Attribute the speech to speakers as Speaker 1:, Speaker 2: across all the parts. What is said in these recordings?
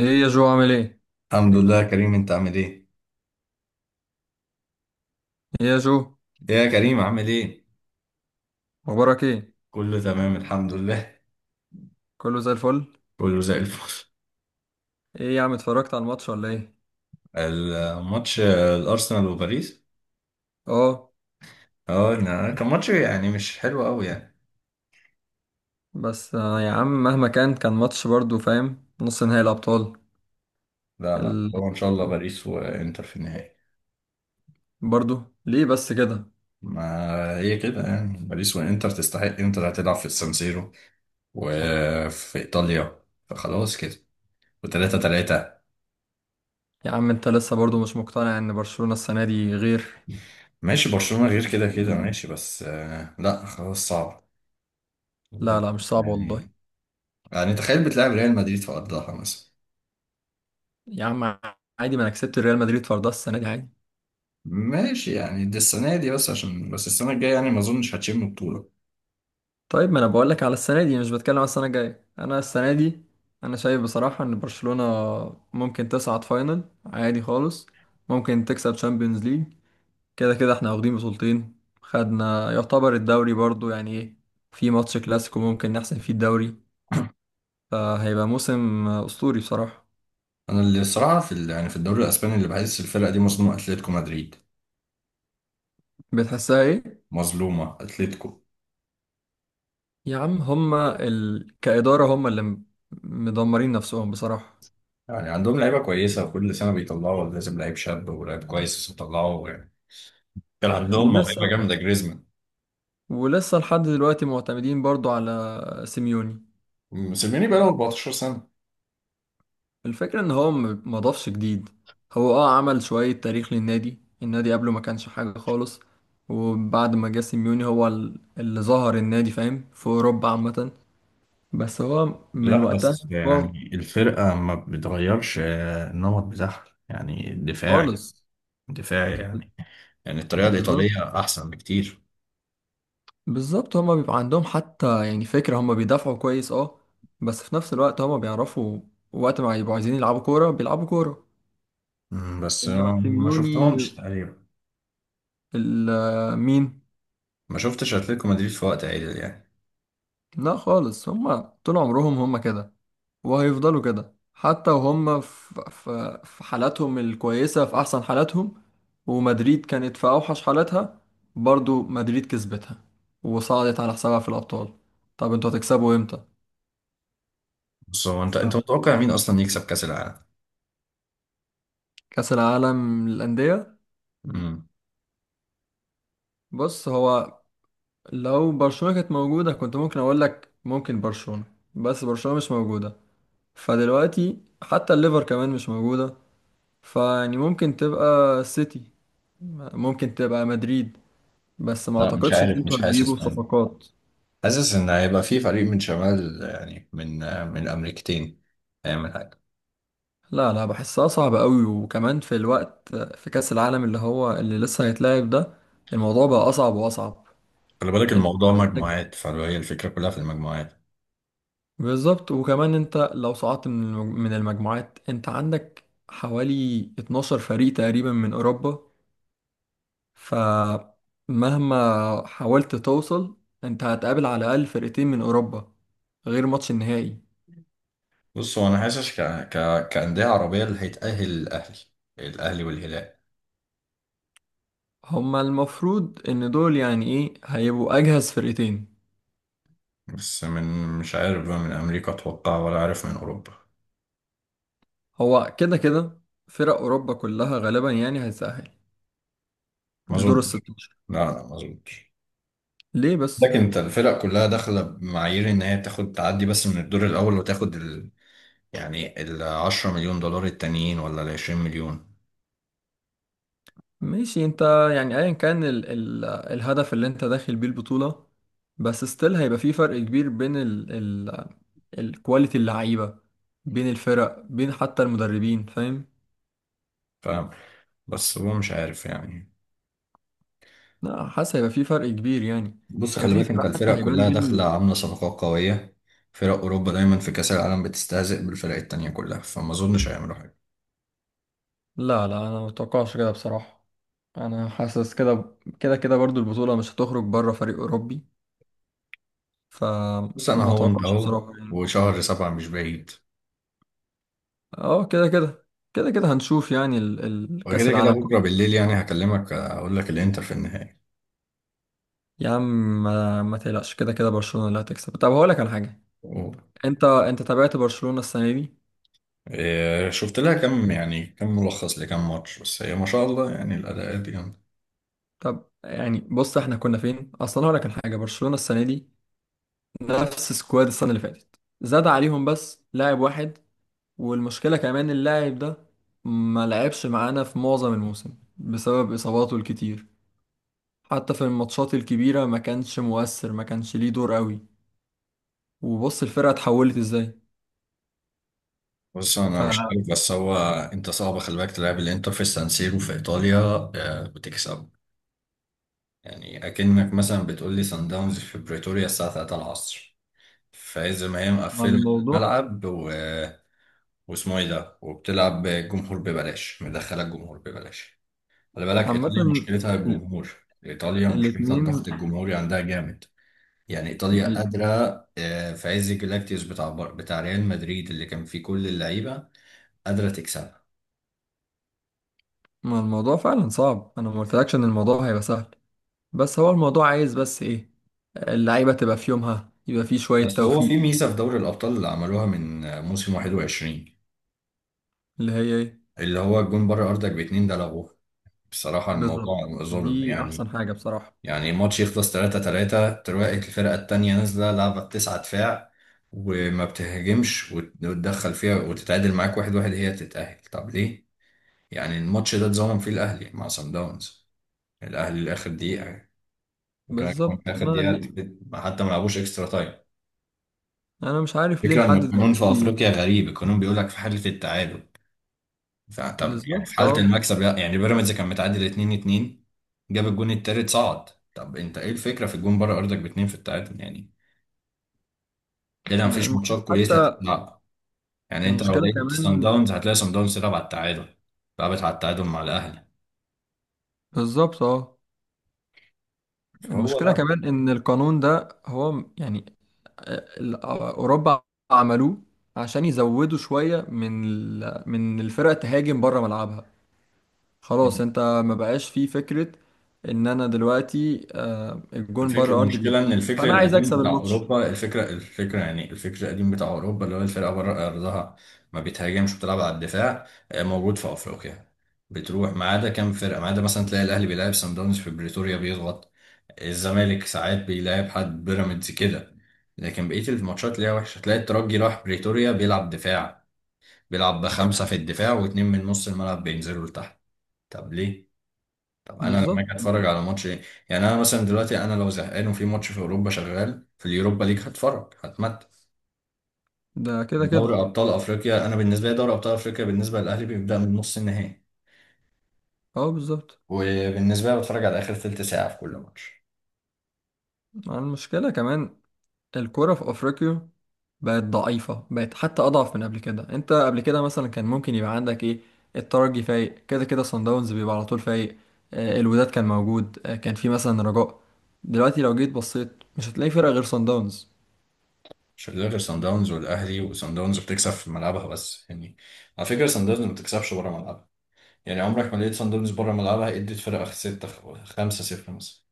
Speaker 1: ايه يا جو عامل ايه؟
Speaker 2: الحمد لله يا كريم، انت عامل ايه؟
Speaker 1: ايه يا جو.
Speaker 2: ايه يا كريم، عامل ايه؟
Speaker 1: اخبارك ايه؟
Speaker 2: كله تمام الحمد لله.
Speaker 1: كله زي الفل؟
Speaker 2: كله زي الفل.
Speaker 1: ايه يا عم اتفرجت على الماتش ولا ايه؟
Speaker 2: الماتش الارسنال وباريس.
Speaker 1: اه.
Speaker 2: اه لا، كان ماتش يعني مش حلو قوي يعني.
Speaker 1: بس يا عم مهما كان ماتش برضو فاهم، نص نهائي الابطال.
Speaker 2: لا لا،
Speaker 1: ال...
Speaker 2: هو ان شاء الله باريس وانتر في النهائي.
Speaker 1: برضو ليه بس كده؟
Speaker 2: ما هي كده يعني، باريس وانتر تستحق. انتر هتلعب في السانسيرو وفي ايطاليا، فخلاص كده. وتلاتة تلاتة.
Speaker 1: يا عم انت لسه برضو مش مقتنع ان برشلونة السنة دي غير.
Speaker 2: ماشي، برشلونة غير كده كده. ماشي بس لا خلاص صعب
Speaker 1: لا لا، مش صعب والله.
Speaker 2: يعني يعني تخيل بتلعب ريال مدريد في أرضها مثلا.
Speaker 1: يا عم عادي، ما انا كسبت ريال مدريد فردها السنة دي عادي.
Speaker 2: ماشي يعني، دي السنة دي، بس عشان بس السنة الجاية يعني ما أظنش هتشم بطولة.
Speaker 1: طيب ما انا بقول لك على السنه دي، مش بتكلم على السنه الجايه، انا السنه دي انا شايف بصراحه ان برشلونه ممكن تصعد فاينل عادي خالص، ممكن تكسب تشامبيونز ليج، كده كده احنا واخدين بطولتين، خدنا يعتبر الدوري برضو يعني ايه، في ماتش كلاسيكو ممكن نحسم فيه الدوري، فهيبقى موسم اسطوري بصراحه.
Speaker 2: أنا اللي الصراحة في يعني في الدوري الأسباني، اللي بحس الفرقة دي مظلومة أتلتيكو مدريد.
Speaker 1: بتحسها ايه؟
Speaker 2: مظلومة أتلتيكو.
Speaker 1: يا عم هما كاداره، هما اللي مدمرين نفسهم بصراحه.
Speaker 2: يعني عندهم لعيبة كويسة، وكل سنة بيطلعوا، لازم لعيب شاب ولعيب كويس يطلعوا يعني. كان عندهم موهبة
Speaker 1: ولسه
Speaker 2: جامدة، جريزمان.
Speaker 1: ولسه لحد دلوقتي معتمدين برضو على سيميوني.
Speaker 2: مسلميني بقاله 14 سنة.
Speaker 1: الفكرة ان هو ما ضافش جديد، هو عمل شوية تاريخ للنادي، النادي قبله ما كانش حاجة خالص، وبعد ما جه سيميوني هو اللي ظهر النادي فاهم في اوروبا عامة. بس هو من
Speaker 2: لا
Speaker 1: وقتها
Speaker 2: بس
Speaker 1: هو
Speaker 2: يعني الفرقة ما بتغيرش النمط بتاعها يعني دفاعي.
Speaker 1: خالص.
Speaker 2: دفاعي يعني. يعني الطريقة
Speaker 1: بالظبط.
Speaker 2: الإيطالية أحسن بكتير.
Speaker 1: بالظبط هما بيبقى عندهم حتى يعني فكرة، هما بيدافعوا كويس اه، بس في نفس الوقت هما بيعرفوا وقت ما يبقوا عايزين يلعبوا كورة بيلعبوا كورة،
Speaker 2: بس
Speaker 1: انما
Speaker 2: ما
Speaker 1: سيميوني
Speaker 2: شفتهمش تقريبا.
Speaker 1: مين.
Speaker 2: ما شفتش أتلتيكو مدريد في وقت عادل يعني.
Speaker 1: لا خالص، هما طول عمرهم هما كده، وهيفضلوا كده حتى وهم في حالاتهم الكويسة في أحسن حالاتهم، ومدريد كانت في أوحش حالاتها، برضو مدريد كسبتها وصعدت على حسابها في الأبطال. طب انتوا هتكسبوا امتى؟
Speaker 2: بص هو، أنت
Speaker 1: فكأس
Speaker 2: متوقع مين أصلا يكسب كأس العالم؟
Speaker 1: العالم للأندية.
Speaker 2: مم.
Speaker 1: بص هو لو برشلونة كانت موجودة كنت ممكن أقول لك ممكن برشلونة، بس برشلونة مش موجودة، فدلوقتي حتى الليفر كمان مش موجودة، فيعني ممكن تبقى سيتي، ممكن تبقى مدريد، بس ما
Speaker 2: لا، مش
Speaker 1: اعتقدش ان
Speaker 2: عارف،
Speaker 1: انتوا
Speaker 2: مش
Speaker 1: هتجيبوا
Speaker 2: حاسس من
Speaker 1: صفقات.
Speaker 2: حاسس إن هيبقى في فريق من شمال، يعني من أمريكتين، هيعمل حاجة.
Speaker 1: لا لا، بحسها صعبة قوي، وكمان في الوقت، في كأس العالم اللي هو اللي لسه هيتلعب ده، الموضوع بقى اصعب واصعب.
Speaker 2: خلي بالك
Speaker 1: انت
Speaker 2: الموضوع
Speaker 1: عندك،
Speaker 2: مجموعات، فهي الفكرة كلها في المجموعات.
Speaker 1: بالظبط، وكمان انت لو صعدت من من المجموعات انت عندك حوالي 12 فريق تقريبا من اوروبا، فمهما حاولت توصل انت هتقابل على الاقل فرقتين من اوروبا، غير ماتش النهائي.
Speaker 2: بص هو أنا حاسس كأندية عربية، اللي هيتأهل الأهلي. الأهلي والهلال.
Speaker 1: هما المفروض ان دول يعني ايه، هيبقوا اجهز فرقتين.
Speaker 2: بس مش عارف بقى، من أمريكا أتوقع ولا عارف من أوروبا.
Speaker 1: هو كده كده فرق أوروبا كلها غالبا يعني هيتأهل
Speaker 2: ما
Speaker 1: لدور
Speaker 2: أظن.
Speaker 1: الستاشر.
Speaker 2: لا لا، مظبوط.
Speaker 1: ليه بس؟
Speaker 2: لكن انت الفرق كلها داخله بمعايير ان هي تاخد تعدي بس من الدور الاول وتاخد يعني ال 10 مليون دولار التانيين ولا ال 20 مليون.
Speaker 1: ماشي انت، يعني ايا كان ال ال الهدف اللي انت داخل بيه البطولة، بس ستيل هيبقى في فرق كبير بين ال ال الكواليتي اللعيبة، بين الفرق، بين حتى المدربين، فاهم؟
Speaker 2: فاهم. بس هو مش عارف يعني.
Speaker 1: لا، حاسس هيبقى في فرق كبير يعني،
Speaker 2: بص
Speaker 1: هيبقى
Speaker 2: خلي
Speaker 1: في
Speaker 2: بالك، انت
Speaker 1: فرق حتى
Speaker 2: الفرق
Speaker 1: هيبان
Speaker 2: كلها
Speaker 1: بين
Speaker 2: داخله عامله صفقات قويه. فرق اوروبا دايما في كاس العالم بتستهزئ بالفرق التانيه كلها، فما اظنش هيعملوا حاجه.
Speaker 1: لا لا، انا متوقعش كده بصراحة، انا حاسس كده كده كده برضو البطولة مش هتخرج بره فريق أوروبي،
Speaker 2: بس انا
Speaker 1: فما
Speaker 2: هو انت
Speaker 1: اتوقعش
Speaker 2: اهو.
Speaker 1: بصراحة يعني.
Speaker 2: وشهر سبعه مش بعيد.
Speaker 1: اه كده كده، كده كده هنشوف يعني كأس
Speaker 2: وكده كده
Speaker 1: العالم
Speaker 2: بكره
Speaker 1: كله.
Speaker 2: بالليل يعني هكلمك اقول لك الانتر في النهائي.
Speaker 1: يا عم ما تقلقش، كده كده برشلونة اللي هتكسب. طب هقول لك على حاجة، انت تابعت برشلونة السنة دي؟
Speaker 2: إيه، شفت لها كم يعني كم ملخص لكم ماتش، بس هي ما شاء الله يعني الاداءات دي جامده.
Speaker 1: طب يعني بص احنا كنا فين اصلا، هقول لك على حاجة. برشلونة السنة دي نفس سكواد السنة اللي فاتت، زاد عليهم بس لاعب واحد، والمشكلة كمان اللاعب ده ما لعبش معانا في معظم الموسم بسبب إصاباته الكتير، حتى في الماتشات الكبيرة ما كانش مؤثر، ما كانش ليه دور قوي، وبص الفرقة اتحولت ازاي.
Speaker 2: بس انا مش عارف، بس هو انت صعب، خلي بالك تلعب الانتر في السان سيرو في ايطاليا. بتكسب. يعني اكنك مثلا بتقول لي سان داونز في بريتوريا الساعه 3 العصر. فاذا ما هي
Speaker 1: مع
Speaker 2: مقفله
Speaker 1: الموضوع،
Speaker 2: الملعب واسمه ايه ده، وبتلعب الجمهور ببلاش، مدخله الجمهور ببلاش. خلي بالك،
Speaker 1: فعامة
Speaker 2: ايطاليا مشكلتها الجمهور. ايطاليا مشكلتها الضغط
Speaker 1: الاتنين
Speaker 2: الجمهوري عندها جامد. يعني ايطاليا
Speaker 1: ال-
Speaker 2: قادره، في عز جلاكتيوس بتاع ريال مدريد اللي كان فيه كل اللعيبه، قادره تكسبها.
Speaker 1: ما الموضوع فعلا صعب، انا ما قلتلكش ان الموضوع هيبقى سهل، بس هو الموضوع عايز بس ايه، اللعيبة تبقى في يومها، يبقى في شوية
Speaker 2: بس هو
Speaker 1: توفيق.
Speaker 2: في ميزه في دوري الابطال اللي عملوها من موسم 21،
Speaker 1: اللي هي ايه؟
Speaker 2: اللي هو الجون بره ارضك باتنين ده لغوه بصراحه.
Speaker 1: بالظبط،
Speaker 2: الموضوع ظلم
Speaker 1: دي احسن
Speaker 2: يعني.
Speaker 1: حاجة بصراحة.
Speaker 2: يعني ماتش يخلص 3-3، تلاقي الفرقه التانيه نازله لعبه بتسعة دفاع، وما بتهاجمش وتدخل فيها وتتعادل معاك 1-1، هي تتأهل. طب ليه؟ يعني الماتش ده اتظلم فيه الأهلي مع سان داونز. الأهلي لآخر دقيقة، وكمان كمان
Speaker 1: بالظبط،
Speaker 2: في اخر
Speaker 1: انا
Speaker 2: دقيقه
Speaker 1: ليه
Speaker 2: حتى ما لعبوش اكسترا تايم.
Speaker 1: انا مش عارف ليه
Speaker 2: الفكره ان
Speaker 1: لحد
Speaker 2: القانون في
Speaker 1: دلوقتي.
Speaker 2: افريقيا غريب. القانون بيقول لك في حاله التعادل فانت، يعني في
Speaker 1: بالظبط
Speaker 2: حاله
Speaker 1: اه.
Speaker 2: المكسب، لا، يعني بيراميدز كان متعادل 2-2، جاب الجون التالت صعد. طب انت ايه الفكره في الجون بره ارضك باتنين في التعادل يعني؟ كده مفيش
Speaker 1: المشكلة
Speaker 2: ماتشات كويسه
Speaker 1: حتى،
Speaker 2: هتتلعب. يعني انت لو
Speaker 1: المشكلة
Speaker 2: لقيت سان
Speaker 1: كمان،
Speaker 2: داونز، هتلاقي سان داونز تلعب على التعادل. لعبت على التعادل مع الاهلي.
Speaker 1: بالظبط اه،
Speaker 2: فهو
Speaker 1: المشكلة
Speaker 2: لا.
Speaker 1: كمان ان القانون ده هو يعني اوروبا عملوه عشان يزودوا شويه من من الفرق تهاجم بره ملعبها، خلاص انت ما بقاش فيه فكره ان انا دلوقتي الجون
Speaker 2: الفكرة
Speaker 1: بره ارضي
Speaker 2: المشكلة إن
Speaker 1: بيتنين،
Speaker 2: الفكر
Speaker 1: فانا عايز
Speaker 2: القديم
Speaker 1: اكسب
Speaker 2: بتاع
Speaker 1: الماتش.
Speaker 2: أوروبا، الفكرة يعني الفكر القديم بتاع أوروبا اللي هو الفرقة بره أرضها ما بتهاجمش، بتلعب على الدفاع، موجود في أفريقيا. بتروح ما عدا كام فرقة، ما عدا مثلا تلاقي الأهلي بيلعب سان داونز في بريتوريا بيضغط، الزمالك ساعات بيلعب حد بيراميدز كده. لكن بقية الماتشات ليها وحشة، تلاقي الترجي راح بريتوريا بيلعب دفاع، بيلعب بخمسة في الدفاع واتنين من نص الملعب بينزلوا لتحت. طب ليه؟ طب انا لما
Speaker 1: بالظبط،
Speaker 2: اجي اتفرج على ماتش ايه؟ يعني انا مثلا دلوقتي، انا لو زهقان وفي ماتش في اوروبا شغال في اليوروبا ليج، هتفرج هتمتع.
Speaker 1: ده كده
Speaker 2: دوري
Speaker 1: كده.
Speaker 2: ابطال افريقيا انا بالنسبه لي، دوري ابطال افريقيا بالنسبه للاهلي بيبدا من نص النهائي.
Speaker 1: اه بالظبط،
Speaker 2: وبالنسبه لي بتفرج على اخر ثلث ساعه في كل ماتش،
Speaker 1: مع المشكله كمان الكورة في أفريقيا بقت ضعيفة، بقت حتى أضعف من قبل كده. أنت قبل كده مثلا كان ممكن يبقى عندك إيه، الترجي فايق، كده كده صن داونز بيبقى على طول فايق، الوداد كان موجود، كان في مثلا رجاء، دلوقتي لو جيت بصيت مش هتلاقي فرقة غير صن داونز.
Speaker 2: عشان غير صن داونز والاهلي. وصن داونز بتكسب في ملعبها بس يعني. على فكره، صن داونز ما بتكسبش بره ملعبها. يعني عمرك ما لقيت صن داونز بره ملعبها ادت فرقه 6 5 0 مثلا.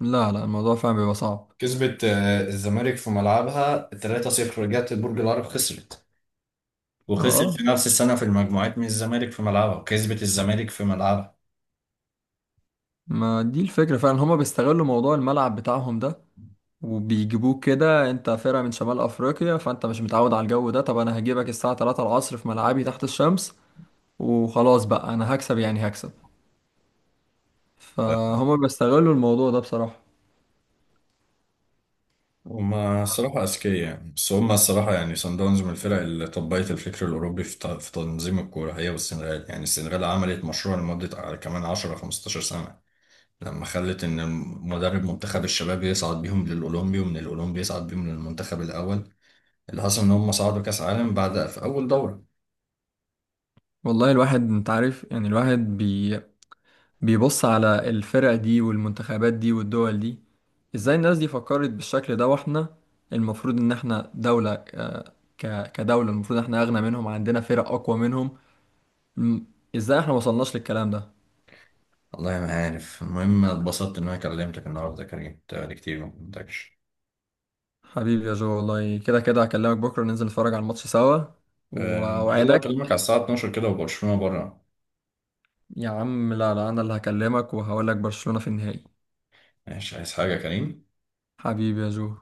Speaker 1: لا لا، الموضوع فعلا بيبقى صعب.
Speaker 2: كسبت الزمالك في ملعبها 3-0، رجعت برج العرب خسرت. وخسر في
Speaker 1: اه،
Speaker 2: نفس السنة في المجموعات من الزمالك في ملعبها، وكسبت الزمالك في ملعبها.
Speaker 1: ما دي الفكرة فعلا، هما بيستغلوا موضوع الملعب بتاعهم ده، وبيجيبوك كده انت فرقة من شمال افريقيا، فانت مش متعود على الجو ده، طب انا هجيبك الساعة 3 العصر في ملعبي تحت الشمس، وخلاص بقى انا هكسب يعني هكسب، فهما بيستغلوا الموضوع ده بصراحة.
Speaker 2: هما الصراحة أذكياء يعني. بس هما الصراحة يعني صن داونز من الفرق اللي طبقت الفكر الأوروبي في في تنظيم الكورة، هي والسنغال. يعني السنغال عملت مشروع لمدة كمان 10 15 سنة، لما خلت إن مدرب منتخب الشباب يصعد بيهم للأولمبي، ومن الأولمبي يصعد بيهم للمنتخب الأول. اللي حصل إن هما صعدوا كأس عالم بعد في أول دورة.
Speaker 1: والله الواحد انت عارف يعني الواحد بيبص على الفرق دي والمنتخبات دي والدول دي، ازاي الناس دي فكرت بالشكل ده، واحنا المفروض ان احنا دولة كدولة المفروض احنا اغنى منهم، عندنا فرق اقوى منهم، م- ازاي احنا ما وصلناش للكلام ده.
Speaker 2: والله ما عارف. المهم اتبسطت إن أنا كلمتك النهاردة يا كريم، بقالي كتير ما كلمتكش.
Speaker 1: حبيبي يا جو والله كده كده هكلمك بكرة، ننزل نتفرج على الماتش سوا
Speaker 2: آه، ان شاء الله اكلمك
Speaker 1: واوعدك.
Speaker 2: على الساعه 12 كده وبرشلونه بره.
Speaker 1: يا عم لا لا، انا اللي هكلمك وهقول لك برشلونة في النهائي.
Speaker 2: ماشي، عايز حاجه يا كريم؟
Speaker 1: حبيبي يا جو.